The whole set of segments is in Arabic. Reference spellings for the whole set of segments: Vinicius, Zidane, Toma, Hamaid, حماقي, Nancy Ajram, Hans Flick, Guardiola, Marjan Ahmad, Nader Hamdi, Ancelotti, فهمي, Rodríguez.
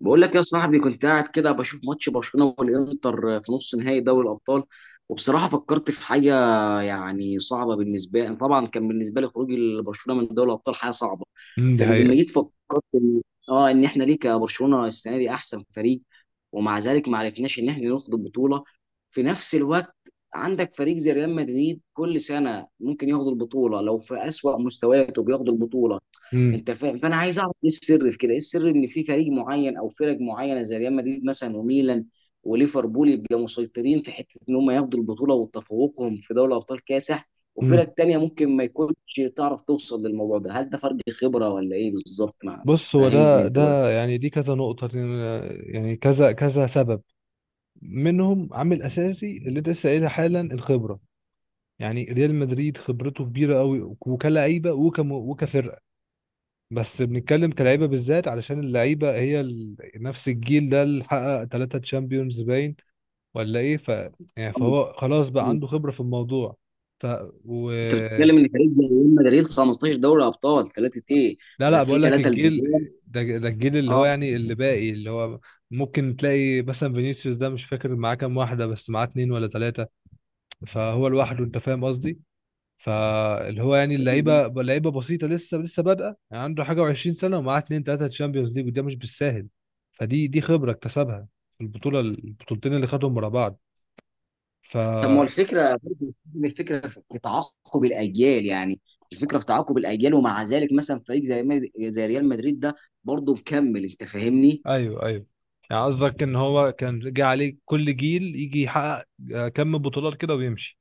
بقول لك يا صاحبي، كنت قاعد كده بشوف ماتش برشلونة والإنتر في نص نهائي دوري الأبطال، وبصراحة فكرت في حاجة يعني صعبة بالنسبة لي. طبعا كان بالنسبة لي خروج برشلونة من دوري الأبطال حاجة صعبة. دي فلما حقيقة. جيت فكرت إن احنا ليه كبرشلونة السنة دي أحسن فريق ومع ذلك ما عرفناش إن احنا ناخد البطولة. في نفس الوقت عندك فريق زي ريال مدريد كل سنة ممكن ياخد البطولة، لو في أسوأ مستوياته بياخد البطولة. امم. انت فاهم؟ فانا عايز اعرف ايه السر في كده، ايه السر ان في فريق معين او فرق معينه زي ريال مدريد مثلا وميلان وليفربول يبقى مسيطرين، في حته ان هم ياخدوا البطوله وتفوقهم في دوري ابطال كاسح، امم. وفرق تانية ممكن ما يكونش تعرف توصل للموضوع ده. هل ده فرق خبره ولا ايه بالظبط؟ مع بص، هو فهمني ده انت بقى. ده يعني دي كذا نقطة. يعني كذا كذا سبب، منهم عامل أساسي اللي أنت لسه قايلها حالا، الخبرة. يعني ريال مدريد خبرته كبيرة قوي، وكلعيبة وكم وكفرقة. بس بنتكلم كلعيبة بالذات، علشان اللعيبة هي نفس الجيل ده اللي حقق ثلاثة تشامبيونز، باين ولا إيه؟ يعني فهو خلاص بقى عنده خبرة في الموضوع. ف و... انت بتتكلم ان فريق زي ريال مدريد 15 دوري ابطال ثلاثه ايه، لا ده لا، في بقول لك ثلاثه الجيل لزيدان. ده الجيل اللي هو يعني اللي باقي، اللي هو ممكن تلاقي مثلا فينيسيوس ده، مش فاكر معاه كام واحدة، بس معاه اتنين ولا تلاتة، فهو لوحده. انت فاهم قصدي؟ فاللي هو يعني اه، اللعيبة، لعيبة بسيطة لسه، لسه بادئة، يعني عنده حاجة وعشرين سنة ومعاه اتنين تلاتة تشامبيونز ليج، وده مش بالساهل. فدي خبرة اكتسبها في البطولة، البطولتين اللي خدهم ورا بعض. فا طب ما هو الفكره، من الفكره في تعاقب الاجيال يعني. الفكره في تعاقب الاجيال، ومع ذلك مثلا فريق زي زي ريال مدريد ده برضه مكمل، انت فاهمني. ايوه، ايوه، يعني قصدك ان هو كان جه عليه كل جيل يجي يحقق كم بطولات كده ويمشي؟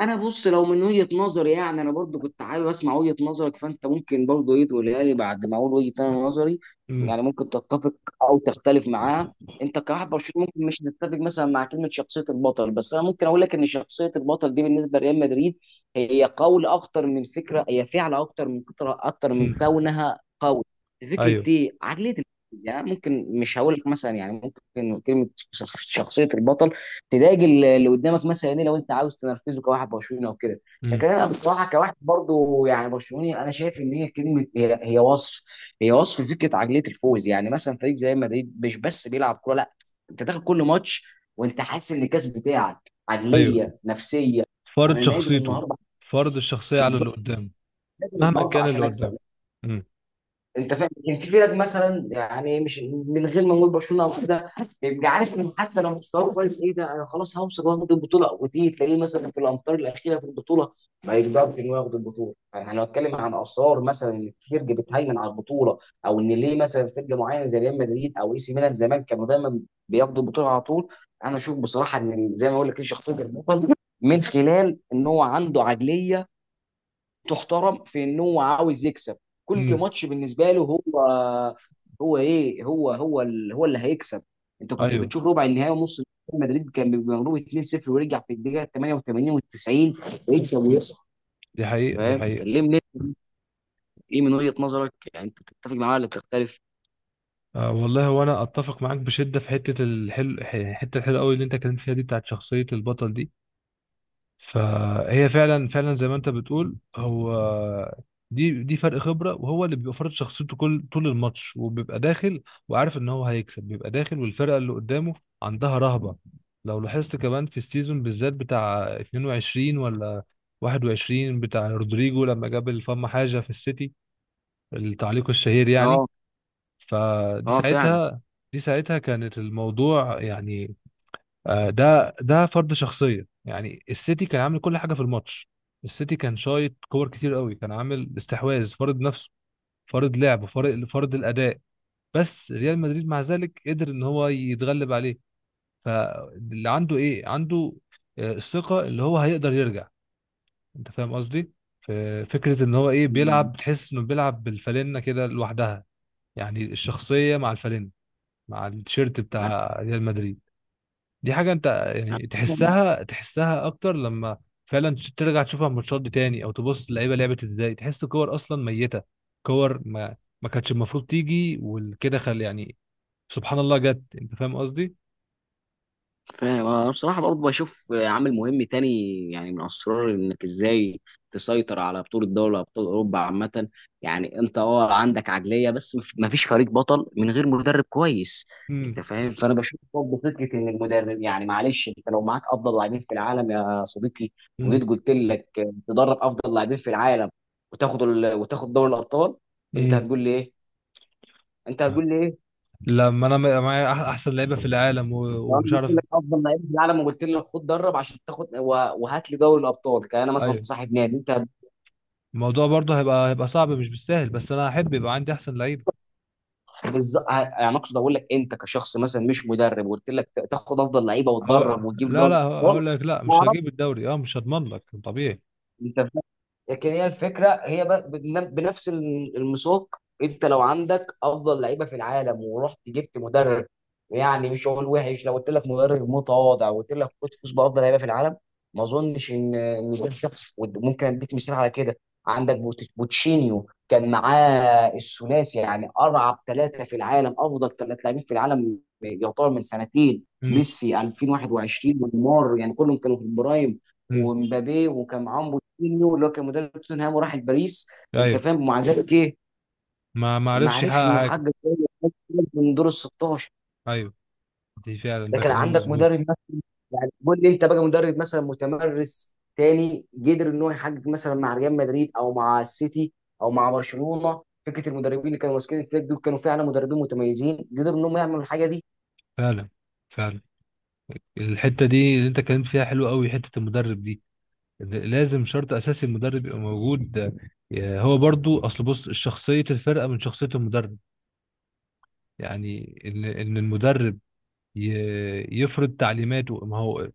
انا بص، لو من وجهة نظري يعني انا برضو كنت حابب اسمع وجهة نظرك، فانت ممكن برضو ايه تقولها لي بعد ما اقول وجهة أنا نظري. امم. يعني ممكن تتفق او تختلف معاها. انت كواحد برشلوني ممكن مش تتفق مثلا مع كلمة شخصية البطل، بس انا ممكن اقول لك ان شخصية البطل دي بالنسبة لريال مدريد هي قول اكتر من فكرة، هي فعل اكتر من كترة اكتر من امم. كونها قول، فكرة ايوه. ايه عقلية الفوز. يعني ممكن مش هقول لك مثلا يعني ممكن كلمة شخصية البطل تضايق اللي قدامك مثلا ايه لو انت عاوز تنرفزه كواحد برشلونه وكده. لكن امم. انا بصراحه كواحد برضو يعني برشلوني، انا شايف ان هي كلمه، هي وصف، هي وصف فكره عقليه الفوز. يعني مثلا فريق زي مدريد مش بس بيلعب كوره، لا، انت داخل كل ماتش وانت حاسس ان الكاس بتاعك، ايوه، عقليه نفسيه، فرض انا نازل شخصيته. النهارده. فرض الشخصية على اللي بالظبط، قدام، نازل مهما النهارده كان اللي عشان قدام. اكسب. امم. انت فاهم، كان في فرق مثلا يعني مش من غير ما نقول برشلونه او كده، بيبقى عارف ان حتى لو مستواه كويس ايه ده انا خلاص هوصل واخد البطوله، وتيجي تلاقيه مثلا في الامتار الاخيره في البطوله ما يقدرش انه ياخد البطوله. يعني انا بتكلم عن اسرار مثلا ان في فرقه بتهيمن على البطوله، او ان ليه مثلا فرقه معينه زي ريال مدريد او اي سي ميلان زمان كانوا دايما بياخدوا البطوله على طول. انا اشوف بصراحه ان زي ما اقول لك ايه، شخصيه البطل من خلال ان هو عنده عقليه تحترم، في ان هو عاوز يكسب كل امم. ماتش بالنسبه له. هو هو ايه هو هو ال- هو اللي هيكسب. انت كنت ايوه، بتشوف ربع النهائي ونص النهائي، مدريد كان بيبقى مغلوب 2-0 ويرجع في الدقيقه 88 و90 يكسب ويصعد. دي حقيقة، دي فاهم، حقيقة. كلمني، ايه من وجهه نظرك؟ يعني انت بتتفق معايا ولا بتختلف؟ آه والله، وانا اتفق معاك بشدة في حتة الحلو، الحتة الحلوة قوي اللي انت اتكلمت فيها دي، بتاعت شخصية البطل دي. فهي فعلا فعلا زي ما انت بتقول. هو دي فرق خبره، وهو اللي بيبقى فرض شخصيته كل طول الماتش، وبيبقى داخل وعارف ان هو هيكسب، بيبقى داخل والفرقه اللي قدامه عندها رهبه. لو لاحظت كمان، في السيزون بالذات بتاع 22 ولا 21، بتاع رودريجو لما جاب الفم حاجه في السيتي، التعليق الشهير يعني، اه، فدي اه، ساعتها. دي ساعتها كانت الموضوع يعني ده فرض شخصيه. يعني السيتي كان عامل كل حاجه في الماتش، السيتي كان شايط كور كتير قوي، كان عامل استحواذ، فرض نفسه، فرض لعب، فرض الاداء. بس ريال مدريد مع ذلك قدر ان هو يتغلب عليه. فاللي عنده، ايه عنده؟ الثقه اللي هو هيقدر يرجع. انت فاهم قصدي؟ ف- فكره ان هو ايه، فعلا، بيلعب، بتحس انه بيلعب بالفالنه كده لوحدها. يعني الشخصيه مع الفالنه، مع التيشيرت بتاع ريال مدريد، دي حاجة انت يعني تحسها، تحسها اكتر لما فعلا ترجع تشوفها الماتشات دي تاني، او تبص اللعيبة لعبت ازاي، تحس كور اصلا ميتة، كور ما كانتش المفروض تيجي وكده، خل يعني، سبحان الله جت. انت فاهم قصدي؟ فاهم. انا بصراحه برضه بشوف عامل مهم تاني، يعني من اسرار انك ازاي تسيطر على بطوله دوري ابطال اوروبا عامه. يعني انت اه عندك عقليه بس مفيش فريق بطل من غير مدرب كويس. امم. انت فاهم، فانا بشوف برضه فكره ان المدرب يعني معلش، انت لو معاك افضل لاعبين في العالم يا صديقي، امم. وجيت قلت لك تدرب افضل لاعبين في العالم وتاخد وتاخد دوري الابطال، انت امم. هتقول لي ايه؟ انت هتقول لي ايه؟ لما انا معايا احسن لعيبة في العالم لو انا ومش قلت عارف. لك افضل لعيب في العالم وقلت لك خد درب عشان تاخد وهات لي دوري الابطال، كان انا مثلا ايوه، صاحب نادي انت. الموضوع برضه هيبقى، هيبقى صعب، مش بالسهل، بس انا احب يبقى عندي احسن لعيبة. بالز... يعني اقصد اقول لك انت كشخص مثلا مش مدرب، وقلت لك تاخد افضل لعيبه أو... وتدرب وتجيب لا دوري لا، الابطال، هقول لك، لا مش تعرف هجيب الدوري، اه مش هضمن لك طبيعي. انت. لكن هي الفكره هي بنفس المساق، انت لو عندك افضل لعيبه في العالم ورحت جبت مدرب يعني مش هقول وحش، لو قلت لك مدرب متواضع وقلت لك خد فوز بافضل لعيبه في العالم، ما اظنش ان ده، شخص ممكن اديك مثال على كده. عندك بوتشينيو كان معاه الثلاثي، يعني ارعب ثلاثه في العالم، افضل ثلاث لاعبين في العالم يعتبر من سنتين، امم. ميسي 2021 ونيمار، يعني كلهم كانوا في البرايم، امم. ومبابي. وكان معاهم مورينيو اللي هو كان مدرب توتنهام وراح لباريس. انت ايوه. فاهم، مع ذلك ايه، ما ما عرفش عرفش يحقق انه حاجة. يحقق من دور ال 16. أيوة، دي فعلا، ده ده كان كلام عندك مظبوط. مدرب مثلا يعني، قول لي انت بقى مدرب مثلا متمرس تاني قدر ان هو يحقق مثلا مع ريال مدريد او مع السيتي او مع برشلونه. فكره المدربين اللي كانوا ماسكين الفريق دول كانوا فعلا مدربين متميزين قدروا انهم يعملوا الحاجه دي. فعلا. فعلا. الحتة دي اللي أنت اتكلمت فيها حلوة أوي، حتة المدرب دي. لازم شرط أساسي المدرب يبقى موجود. آه، هو برضو أصل، بص، شخصية الفرقة من شخصية المدرب. يعني إن المدرب يفرض تعليماته، ما هو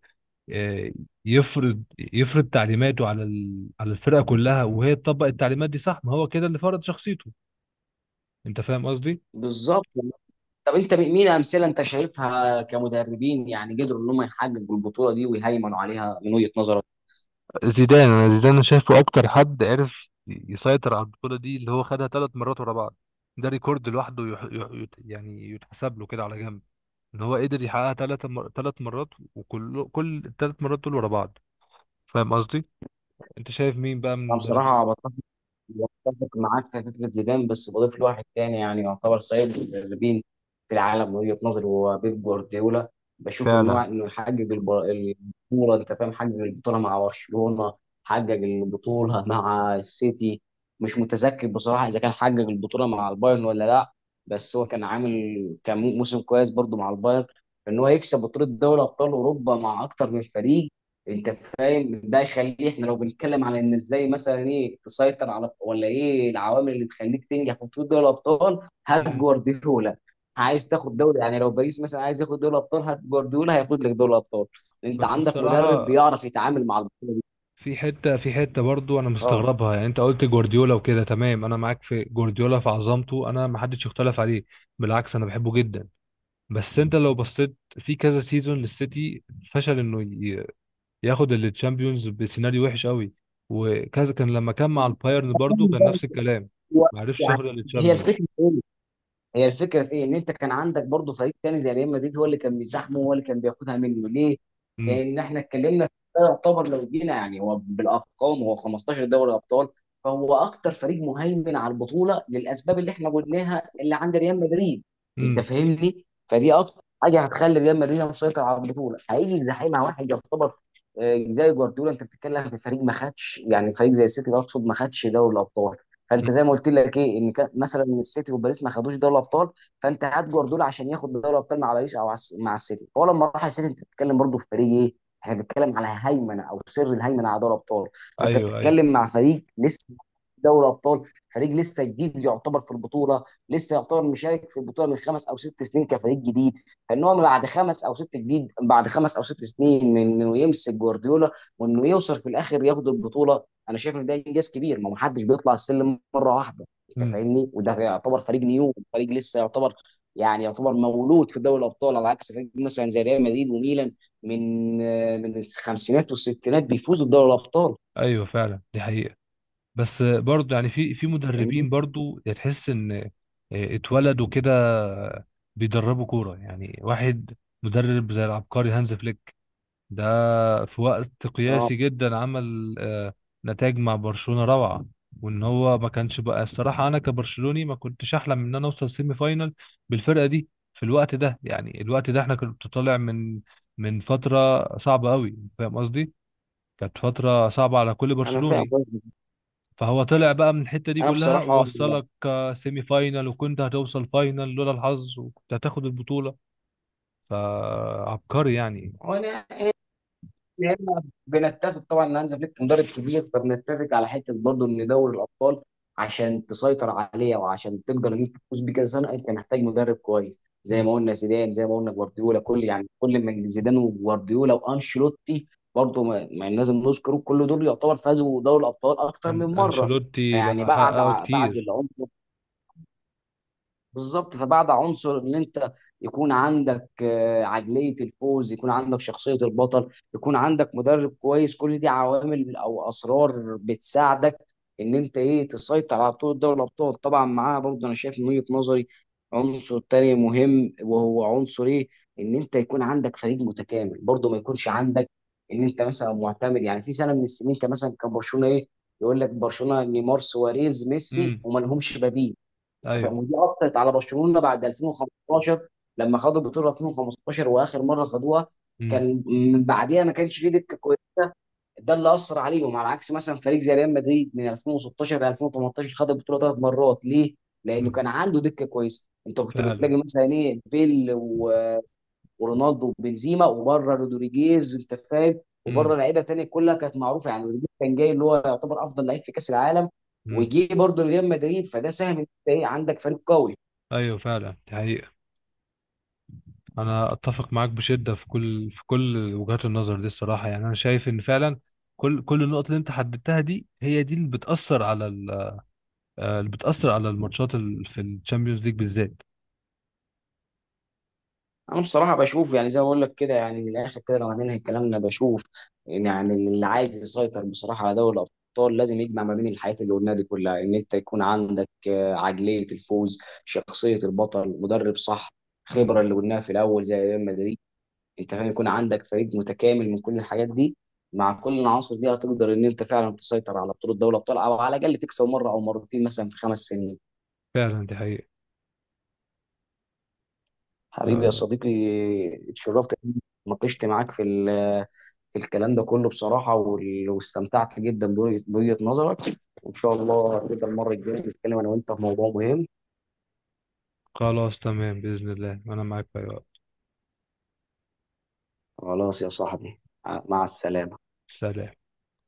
آه، يفرض يفرض تعليماته على على الفرقة كلها، وهي تطبق التعليمات دي، صح؟ ما هو كده اللي فرض شخصيته. أنت فاهم قصدي؟ بالظبط. طب انت مين امثله انت شايفها كمدربين يعني قدروا ان هم يحققوا البطوله دي ويهيمنوا عليها من وجهه نظرك؟ زيدان، انا زيدان شايفه اكتر حد عرف يسيطر على البطوله دي، اللي هو خدها ثلاث مرات ورا بعض. ده ريكورد لوحده، يعني يتحسب له كده على جنب، ان هو قدر يحققها ثلاث مرات، وكل الثلاث مرات دول ورا بعض. فاهم قصدي؟ انت شايف مين بقى من انا المدربين بصراحه بقى؟ متفق معاك في فكرة زيدان، بس بضيف له واحد تاني يعني يعتبر سيد المدربين في العالم من وجهة نظري، هو بيب جوارديولا. بشوف إن هو فعلا. إنه يحقق البطولة، أنت فاهم، حقق البطولة مع برشلونة، حقق البطولة مع السيتي. مش متذكر بصراحة إذا كان حقق البطولة مع البايرن ولا لأ، بس هو كان عامل كان موسم كويس برضه مع البايرن. إن هو يكسب بطولة دوري أبطال أوروبا مع أكتر من فريق، انت فاهم ده يخليه. احنا لو بنتكلم على ان ازاي مثلا ايه تسيطر على، ولا ايه العوامل اللي تخليك تنجح في بطوله دوري الابطال، هات مم. جوارديولا. عايز تاخد دوري يعني، لو باريس مثلا عايز ياخد دوري الابطال هات جوارديولا، هياخد لك دوري الابطال. انت بس عندك مدرب الصراحه، بيعرف يتعامل مع البطوله دي. في حته برضو انا اه. مستغربها. يعني انت قلت جوارديولا وكده، تمام، انا معاك في جوارديولا، في عظمته، انا ما حدش يختلف عليه. بالعكس انا بحبه جدا. بس انت لو بصيت في كذا سيزون للسيتي، فشل انه ياخد التشامبيونز بسيناريو وحش قوي، وكذا كان لما كان مع البايرن برضو، كان نفس الكلام، ما عرفش يعني ياخد هي التشامبيونز. الفكره، هي الفكره في ايه، ان انت كان عندك برضه فريق تاني زي ريال مدريد هو اللي كان بيزاحمه، هو اللي كان بياخدها منه ليه؟ امم. لان احنا اتكلمنا في ده، يعتبر لو جينا يعني هو بالارقام هو 15 دوري ابطال، فهو اكتر فريق مهيمن على البطوله للاسباب اللي احنا قلناها اللي عند ريال مدريد. انت امم. فاهمني؟ فدي اكتر حاجه هتخلي ريال مدريد مسيطر على البطوله. هيجي يزاحمها واحد يعتبر زي جوارديولا، انت بتتكلم في فريق ما خدش، يعني فريق زي السيتي اقصد ما خدش دوري الابطال. فانت زي ما قلت لك ايه، ان كان مثلا السيتي وباريس ما خدوش دوري الابطال، فانت هات جوارديولا عشان ياخد دوري الابطال مع باريس او مع السيتي. هو لما راح السيتي، انت بتتكلم برضه في فريق ايه، احنا بنتكلم على هيمنه او سر الهيمنه على دوري الابطال، فانت ايوه، ايوه. بتتكلم مع فريق لسه دوري ابطال، فريق لسه جديد يعتبر في البطوله، لسه يعتبر مشارك في البطوله من خمس او ست سنين كفريق جديد. فان هو بعد خمس او ست جديد، بعد خمس او ست سنين من انه يمسك جوارديولا وانه يوصل في الاخر ياخد البطوله، انا شايف ان ده انجاز كبير. ما محدش بيطلع السلم مره واحده، انت امم. فاهمني. وده يعتبر فريق نيو، فريق لسه يعتبر يعني، يعتبر مولود في دوري الابطال، على عكس فريق مثلا زي ريال مدريد وميلان من من الخمسينات والستينات بيفوزوا بدوري الابطال. ايوه، فعلا دي حقيقة. بس برضو يعني في انت فاهمني، مدربين برضو تحس ان اتولدوا كده، بيدربوا كورة، يعني واحد مدرب زي العبقري هانز فليك ده، في وقت اه، قياسي جدا عمل نتائج مع برشلونة روعة. وان هو ما كانش بقى، الصراحة انا كبرشلوني ما كنتش احلم ان انا اوصل سيمي فاينال بالفرقة دي، في الوقت ده. يعني الوقت ده احنا كنت طالع من فترة صعبة قوي، فاهم قصدي، كانت فترة صعبة على كل انا فاهم برشلوني. قصدك. فهو طلع بقى من الحتة دي انا كلها، بصراحه ووصلك سيمي فاينال، وكنت هتوصل فاينال لولا الحظ، وكنت هتاخد البطولة، فعبقري يعني. أنا هنا بنتفق طبعا ان هانز فليك مدرب كبير. فبنتفق على حته برضه ان دوري الابطال عشان تسيطر عليه وعشان تقدر ان انت تفوز بيه كذا سنه، انت محتاج مدرب كويس، زي ما قلنا زيدان، زي ما قلنا جوارديولا، كل يعني كل ما زيدان وجوارديولا وانشيلوتي برضه ما لازم نذكره، كل دول يعتبر فازوا دوري الابطال اكتر من مره. أنشيلوتي فيعني ده بعد حققه بعد كتير. العمر، بالظبط، فبعد عنصر ان انت يكون عندك عقليه الفوز، يكون عندك شخصيه البطل، يكون عندك مدرب كويس، كل دي عوامل او اسرار بتساعدك ان انت ايه تسيطر على بطوله دوري الابطال. طبعا معاها برضه انا شايف من وجهه نظري عنصر تاني مهم، وهو عنصر ايه، ان انت يكون عندك فريق متكامل. برضه ما يكونش عندك ان انت مثلا معتمد، يعني في سنه من السنين كان مثلا كان برشلونه ايه يقول لك برشلونه نيمار سواريز ميسي، امم. وما لهمش بديل، انت فاهم، ايوه. ودي اثرت على برشلونه بعد 2015، لما خدوا البطوله 2015 واخر مره خدوها، امم. كان من بعديها ما كانش فيه دكه كويسه. ده اللي اثر عليهم، على عكس مثلا فريق زي ريال مدريد من 2016 ل 2018 خد البطوله ثلاث مرات. ليه؟ لانه امم. كان عنده دكه كويسه، انت كنت فعلا. بتلاقي مثلا ايه بيل ورونالدو وبنزيما وبره رودريجيز، انت فاهم، وبره امم. لعيبه تانيه كلها كانت معروفه، يعني رودريجيز كان جاي اللي هو يعتبر افضل لعيب في كاس العالم امم. وجي برضه لريال مدريد، فده ساهم ان انت ايه عندك فريق قوي. ايوه، فعلا دي حقيقة. انا اتفق معاك بشدة في كل وجهات النظر دي الصراحة، يعني انا شايف ان فعلا كل النقط اللي انت حددتها دي، هي دي اللي بتأثر على ال... آه، اللي بتأثر على الماتشات في الشامبيونز ليج بالذات. انا بصراحه بشوف يعني زي ما بقول لك كده، يعني من الاخر كده لو هننهي كلامنا، بشوف إن يعني اللي عايز يسيطر بصراحه على دوري الابطال لازم يجمع ما بين الحاجات اللي قلناها دي كلها، ان انت يكون عندك عقليه الفوز، شخصيه البطل، مدرب صح، خبره امم. اللي قلناها في الاول زي ريال مدريد، انت فاهم، يكون عندك فريق متكامل من كل الحاجات دي. مع كل العناصر دي هتقدر ان انت فعلا تسيطر على بطوله دوري الابطال، او على الاقل تكسب مره او مرتين مثلا في خمس سنين. فعلا دي حقيقة. حبيبي يا آه. صديقي، اتشرفت إني ناقشت معاك في في الكلام ده كله بصراحة، واستمتعت جدا بوجهة نظرك، وإن شاء الله نبقى المرة الجاية نتكلم أنا وأنت في موضوع مهم. خلاص تمام، بإذن الله انا معاك في أي وقت. خلاص يا صاحبي، مع السلامة. سلام.